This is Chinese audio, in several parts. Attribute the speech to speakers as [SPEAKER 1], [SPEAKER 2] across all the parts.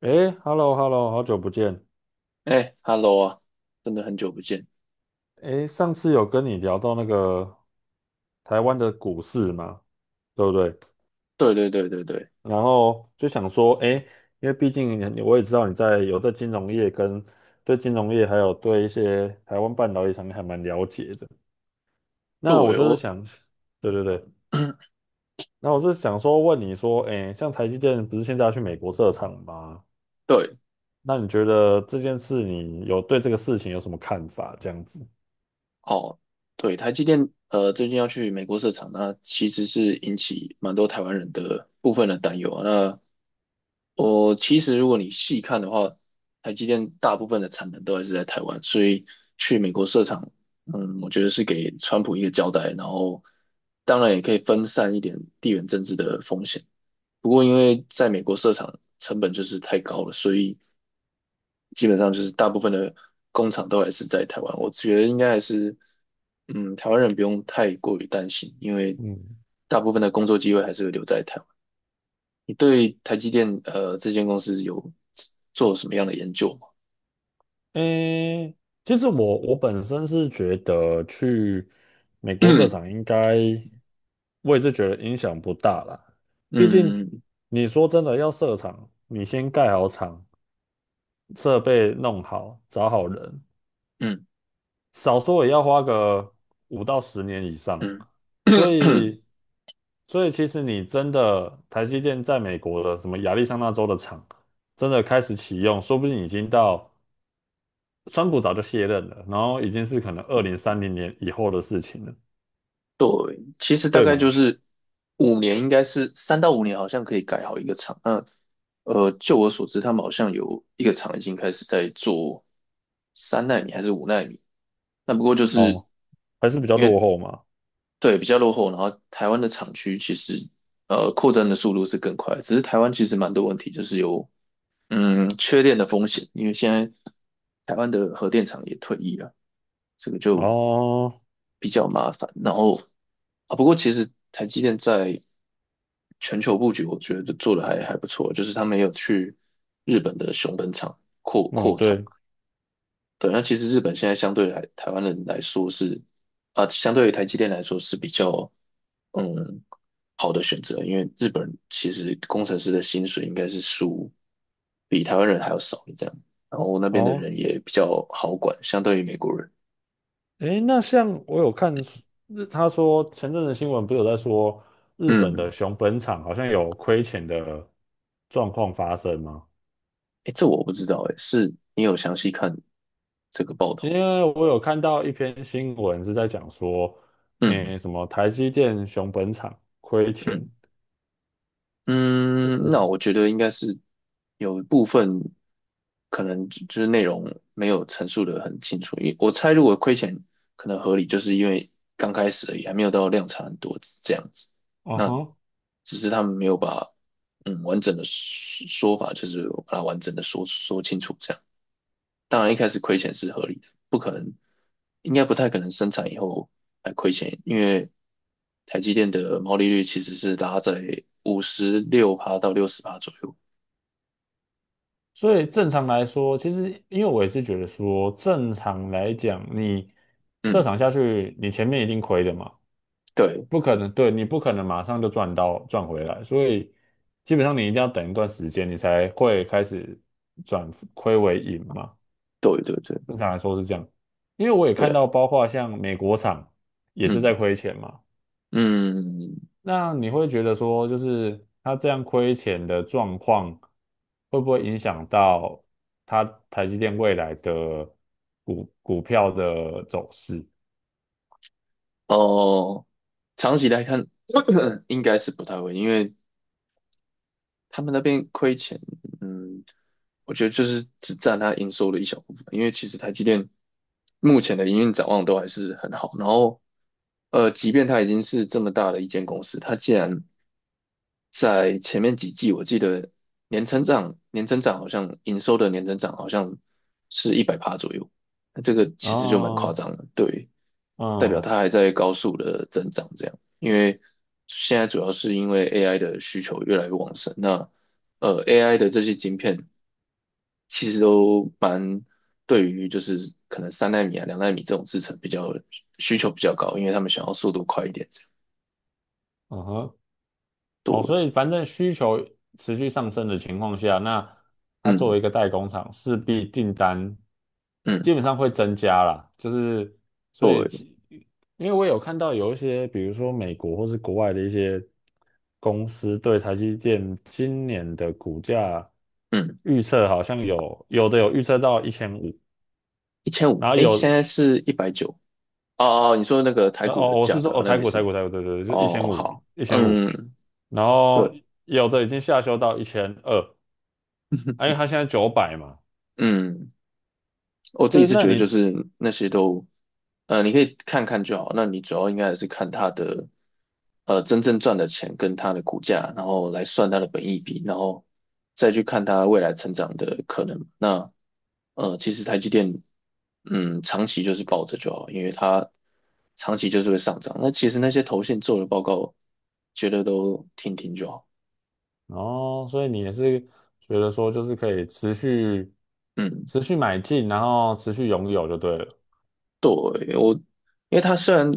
[SPEAKER 1] 诶 h e l l o h e l l o 好久不见。
[SPEAKER 2] 哎，Hello 啊，真的很久不见。
[SPEAKER 1] 诶，上次有跟你聊到那个台湾的股市嘛，对不对？
[SPEAKER 2] 对对对对对。
[SPEAKER 1] 然后就想说，诶，因为毕竟你我也知道你有在金融业对金融业，还有对一些台湾半导体产业还蛮了解的。那我
[SPEAKER 2] 对，
[SPEAKER 1] 就是
[SPEAKER 2] 我。
[SPEAKER 1] 想，对对对，那我是想说问你说，诶，像台积电不是现在要去美国设厂吗？
[SPEAKER 2] 对。
[SPEAKER 1] 那你觉得这件事，你有对这个事情有什么看法？这样子，
[SPEAKER 2] 哦，对台积电最近要去美国设厂，那其实是引起蛮多台湾人的部分的担忧啊。那我其实如果你细看的话，台积电大部分的产能都还是在台湾，所以去美国设厂，我觉得是给川普一个交代，然后当然也可以分散一点地缘政治的风险。不过因为在美国设厂成本就是太高了，所以基本上就是大部分的工厂都还是在台湾。我觉得应该还是，台湾人不用太过于担心，因为
[SPEAKER 1] 嗯
[SPEAKER 2] 大部分的工作机会还是会留在台湾。你对台积电这间公司有做什么样的研究吗？
[SPEAKER 1] 诶，其实我本身是觉得去美国设厂应 该，我也是觉得影响不大啦。毕
[SPEAKER 2] 嗯
[SPEAKER 1] 竟
[SPEAKER 2] 嗯
[SPEAKER 1] 你说真的要设厂，你先盖好厂，设备弄好，找好人，少说也要花个5到10年以上。
[SPEAKER 2] 嗯
[SPEAKER 1] 所
[SPEAKER 2] 嗯。
[SPEAKER 1] 以，所以，其实你真的台积电在美国的什么亚利桑那州的厂，真的开始启用，说不定已经到。川普早就卸任了，然后已经是可能2030年以后的事情了，
[SPEAKER 2] 其实大
[SPEAKER 1] 对
[SPEAKER 2] 概就
[SPEAKER 1] 吗？
[SPEAKER 2] 是5年，应该是3到5年，好像可以改好一个厂。那就我所知，他们好像有一个厂已经开始在做三纳米还是5纳米。那不过就是，
[SPEAKER 1] 哦，还是比较落后嘛。
[SPEAKER 2] 对，比较落后，然后台湾的厂区其实扩张的速度是更快，只是台湾其实蛮多问题，就是有缺电的风险，因为现在台湾的核电厂也退役了，这个就
[SPEAKER 1] 哦，
[SPEAKER 2] 比较麻烦。然后啊，不过其实台积电在全球布局，我觉得做的还不错，就是他们也有去日本的熊本厂。
[SPEAKER 1] 嗯，对，
[SPEAKER 2] 对，那其实日本现在相对来台湾人来说是啊，相对于台积电来说是比较嗯好的选择，因为日本其实工程师的薪水应该是输比台湾人还要少的这样，然后那边的
[SPEAKER 1] 哦，
[SPEAKER 2] 人也比较好管，相对于美国人，
[SPEAKER 1] 诶，那像我有他说前阵子新闻不是有在说日本
[SPEAKER 2] 嗯。
[SPEAKER 1] 的熊本厂好像有亏钱的状况发生吗？
[SPEAKER 2] 哎，这我不知道，哎，是你有详细看这个报
[SPEAKER 1] 因
[SPEAKER 2] 道？
[SPEAKER 1] 为我有看到一篇新闻是在讲说，
[SPEAKER 2] 嗯
[SPEAKER 1] 诶，什么台积电熊本厂亏钱。
[SPEAKER 2] 嗯嗯。那
[SPEAKER 1] 哦，
[SPEAKER 2] 我觉得应该是有一部分可能就是内容没有陈述的很清楚，因为我猜如果亏钱可能合理，就是因为刚开始而已，还没有到量产很多这样子。
[SPEAKER 1] 哦
[SPEAKER 2] 那
[SPEAKER 1] 哈。
[SPEAKER 2] 只是他们没有把完整的说说法，就是把它完整的说说清楚这样。当然一开始亏钱是合理的，不可能，应该不太可能生产以后还亏钱，因为台积电的毛利率其实是拉在56%到六十趴左右。
[SPEAKER 1] 所以正常来说，其实因为我也是觉得说，正常来讲，你设
[SPEAKER 2] 嗯。
[SPEAKER 1] 厂下去，你前面一定亏的嘛，
[SPEAKER 2] 对。
[SPEAKER 1] 不可能，对，你不可能马上就赚回来，所以基本上你一定要等一段时间，你才会开始转亏为盈嘛。
[SPEAKER 2] 对对对
[SPEAKER 1] 正常来说是这样，因为我也
[SPEAKER 2] 对
[SPEAKER 1] 看
[SPEAKER 2] 啊。
[SPEAKER 1] 到，包括像美国厂也是在
[SPEAKER 2] 嗯
[SPEAKER 1] 亏钱嘛。
[SPEAKER 2] 嗯。
[SPEAKER 1] 那你会觉得说，就是他这样亏钱的状况，会不会影响到他台积电未来的股票的走势？
[SPEAKER 2] 哦，长期来看 应该是不太会，因为他们那边亏钱，嗯，我觉得就是只占它营收的一小部分，因为其实台积电目前的营运展望都还是很好。然后，即便它已经是这么大的一间公司，它竟然在前面几季，我记得年增长好像营收的年增长好像是100%左右，那这个其实就蛮夸
[SPEAKER 1] 哦，
[SPEAKER 2] 张的，对，代表
[SPEAKER 1] 嗯
[SPEAKER 2] 它还在高速的增长这样。因为现在主要是因为 AI 的需求越来越旺盛。那AI 的这些晶片其实都蛮对于就是可能三纳米啊、两纳米这种制程比较需求比较高，因为他们想要速度快一点这样。
[SPEAKER 1] 嗯哼，
[SPEAKER 2] 对。
[SPEAKER 1] 哦，所以反正需求持续上升的情况下，那它作为
[SPEAKER 2] 嗯
[SPEAKER 1] 一个代工厂，势必订单
[SPEAKER 2] 嗯。
[SPEAKER 1] 基本上会增加啦。就是所以
[SPEAKER 2] 对。
[SPEAKER 1] 其因为我有看到有一些，比如说美国或是国外的一些公司对台积电今年的股价
[SPEAKER 2] 嗯，
[SPEAKER 1] 预测，好像有的有预测到一千五，
[SPEAKER 2] 1500，
[SPEAKER 1] 然后
[SPEAKER 2] 诶，现
[SPEAKER 1] 有
[SPEAKER 2] 在是190。哦哦，你说那个台股的
[SPEAKER 1] 哦，我
[SPEAKER 2] 价
[SPEAKER 1] 是说
[SPEAKER 2] 格啊，
[SPEAKER 1] 哦
[SPEAKER 2] 那
[SPEAKER 1] 台
[SPEAKER 2] 没
[SPEAKER 1] 股台
[SPEAKER 2] 事。
[SPEAKER 1] 股台股对对对，就一千
[SPEAKER 2] 哦。
[SPEAKER 1] 五
[SPEAKER 2] 好。
[SPEAKER 1] 一千五1 5 0
[SPEAKER 2] 嗯。
[SPEAKER 1] 然后
[SPEAKER 2] 对。
[SPEAKER 1] 有的已经下修到1200。哎，因为它现在900嘛，
[SPEAKER 2] 嗯。我自
[SPEAKER 1] 就
[SPEAKER 2] 己
[SPEAKER 1] 是
[SPEAKER 2] 是
[SPEAKER 1] 那
[SPEAKER 2] 觉得就
[SPEAKER 1] 你
[SPEAKER 2] 是那些都，你可以看看就好。那你主要应该还是看它的，真正赚的钱跟它的股价，然后来算它的本益比，然后再去看它未来成长的可能。那，其实台积电，长期就是抱着就好，因为它长期就是会上涨。那其实那些投信做的报告，觉得都听听就好。
[SPEAKER 1] 哦，所以你也是觉得说，就是可以持续
[SPEAKER 2] 嗯。
[SPEAKER 1] 持续买进，然后持续拥有就对了。
[SPEAKER 2] 对，我，因为它虽然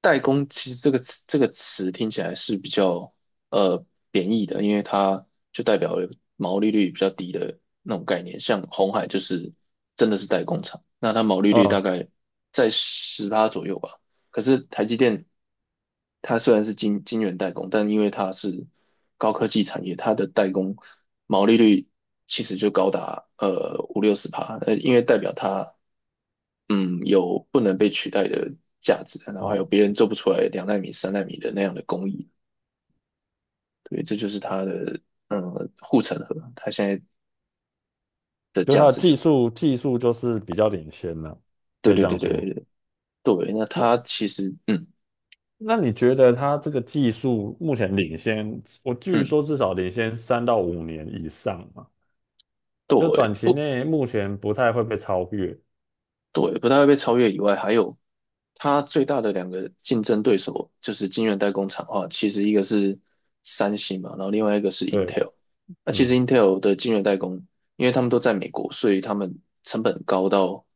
[SPEAKER 2] 代工，其实这个词听起来是比较呃贬义的，因为它就代表了毛利率比较低的那种概念。像红海就是真的是代工厂，那它毛利率大
[SPEAKER 1] 嗯
[SPEAKER 2] 概在十趴左右吧。可是台积电，它虽然是金圆代工，但因为它是高科技产业，它的代工毛利率其实就高达50-60%，因为代表它有不能被取代的价值，然后还
[SPEAKER 1] 嗯，
[SPEAKER 2] 有别人做不出来两纳米、三纳米的那样的工艺，对，这就是它的护城河，它现在的
[SPEAKER 1] 就它
[SPEAKER 2] 价
[SPEAKER 1] 的
[SPEAKER 2] 值就。
[SPEAKER 1] 技术就是比较领先了，
[SPEAKER 2] 对
[SPEAKER 1] 可以
[SPEAKER 2] 对
[SPEAKER 1] 这
[SPEAKER 2] 对
[SPEAKER 1] 样
[SPEAKER 2] 对
[SPEAKER 1] 说。
[SPEAKER 2] 对。对，那它
[SPEAKER 1] 那
[SPEAKER 2] 其实，嗯
[SPEAKER 1] 那你觉得它这个技术目前领先，我据
[SPEAKER 2] 嗯。
[SPEAKER 1] 说至少领先3到5年以上嘛，就
[SPEAKER 2] 对，
[SPEAKER 1] 短期
[SPEAKER 2] 不，
[SPEAKER 1] 内目前不太会被超越。
[SPEAKER 2] 对，不太会被超越以外，还有它最大的两个竞争对手就是晶圆代工厂的话，其实一个是三星嘛，然后另外一个是
[SPEAKER 1] 对，
[SPEAKER 2] Intel。那其实
[SPEAKER 1] 嗯，
[SPEAKER 2] Intel 的晶圆代工，因为他们都在美国，所以他们成本高到，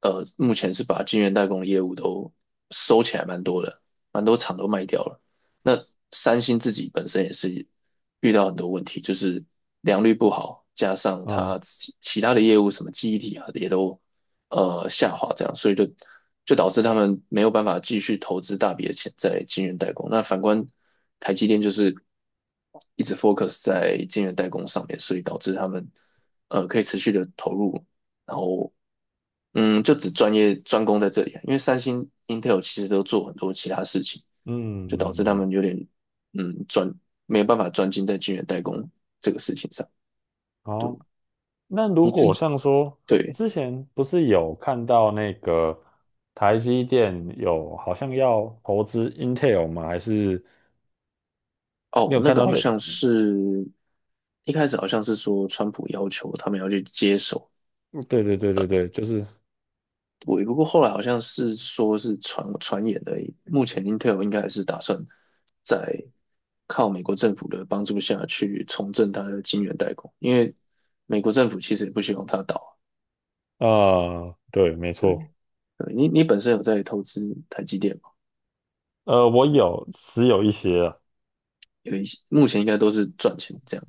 [SPEAKER 2] 目前是把晶圆代工的业务都收起来蛮多的，蛮多厂都卖掉了。那三星自己本身也是遇到很多问题，就是良率不好，加上它
[SPEAKER 1] 哦，
[SPEAKER 2] 其他的业务什么记忆体啊也都下滑，这样，所以就导致他们没有办法继续投资大笔的钱在晶圆代工。那反观台积电就是一直 focus 在晶圆代工上面，所以导致他们可以持续的投入，然后就只专攻在这里啊，因为三星、Intel 其实都做很多其他事情，
[SPEAKER 1] 嗯
[SPEAKER 2] 就导致
[SPEAKER 1] 嗯
[SPEAKER 2] 他
[SPEAKER 1] 嗯，
[SPEAKER 2] 们有点嗯专没有办法专精在晶圆代工这个事情上。对。
[SPEAKER 1] 好。那如
[SPEAKER 2] 你
[SPEAKER 1] 果
[SPEAKER 2] 自
[SPEAKER 1] 像说
[SPEAKER 2] 对。
[SPEAKER 1] 之前不是有看到那个台积电有好像要投资 Intel 吗？还是你
[SPEAKER 2] 哦，
[SPEAKER 1] 有
[SPEAKER 2] 那
[SPEAKER 1] 看
[SPEAKER 2] 个
[SPEAKER 1] 到
[SPEAKER 2] 好
[SPEAKER 1] 类？
[SPEAKER 2] 像是一开始好像是说川普要求他们要去接手，
[SPEAKER 1] 嗯对对对对对，就是
[SPEAKER 2] 我不过后来好像是说是传言而已。目前 Intel 应该还是打算在靠美国政府的帮助下去重振它的晶圆代工，因为美国政府其实也不希望它倒。
[SPEAKER 1] 对，没
[SPEAKER 2] 对，
[SPEAKER 1] 错，
[SPEAKER 2] 对你本身有在投资台积电吗？
[SPEAKER 1] 我有持有一些啊，
[SPEAKER 2] 有一些目前应该都是赚钱这样。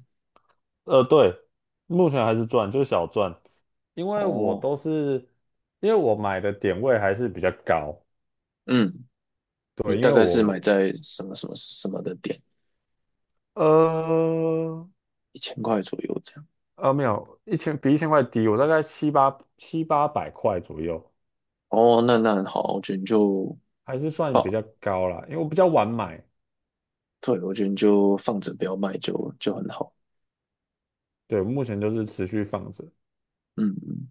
[SPEAKER 1] 对，目前还是赚，就是小赚，因为
[SPEAKER 2] 哦。
[SPEAKER 1] 我买的点位还是比较高，
[SPEAKER 2] 嗯，你
[SPEAKER 1] 对，因
[SPEAKER 2] 大
[SPEAKER 1] 为
[SPEAKER 2] 概是买
[SPEAKER 1] 我
[SPEAKER 2] 在什么什么什么的点，
[SPEAKER 1] 呃。
[SPEAKER 2] 1000块左右这样。
[SPEAKER 1] 没有，一千比1000块低，我大概七八百块左右，
[SPEAKER 2] 哦，那很好，我觉得你就
[SPEAKER 1] 还是算比
[SPEAKER 2] 报，
[SPEAKER 1] 较高啦，因为我比较晚买，
[SPEAKER 2] 对，我觉得你就放着不要卖就很好。
[SPEAKER 1] 对，目前就是持续放着，
[SPEAKER 2] 嗯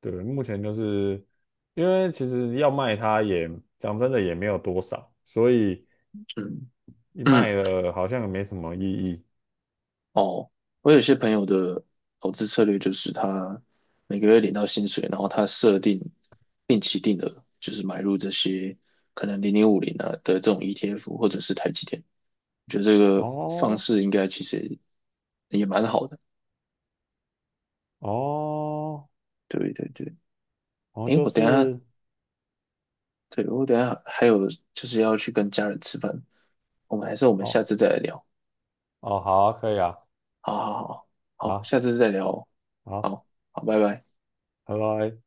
[SPEAKER 1] 对，目前就是因为其实要卖它也讲真的也没有多少，所以
[SPEAKER 2] 嗯
[SPEAKER 1] 一
[SPEAKER 2] 嗯。
[SPEAKER 1] 卖了好像也没什么意义。
[SPEAKER 2] 哦，我有些朋友的投资策略就是他每个月领到薪水，然后他设定定期定额，就是买入这些可能0050啊的这种 ETF 或者是台积电，我觉得这个方
[SPEAKER 1] 哦
[SPEAKER 2] 式应该其实也蛮好的。
[SPEAKER 1] 哦
[SPEAKER 2] 对对对，
[SPEAKER 1] 好像
[SPEAKER 2] 诶，
[SPEAKER 1] 就
[SPEAKER 2] 我等一下，
[SPEAKER 1] 是
[SPEAKER 2] 对，我等一下还有就是要去跟家人吃饭，我们还是我们下
[SPEAKER 1] 哦
[SPEAKER 2] 次再来聊。
[SPEAKER 1] 哦，好啊可以啊，
[SPEAKER 2] 好好好。好，
[SPEAKER 1] 好
[SPEAKER 2] 下次再聊哦。
[SPEAKER 1] 好，
[SPEAKER 2] 好，好，拜拜。
[SPEAKER 1] 拜拜。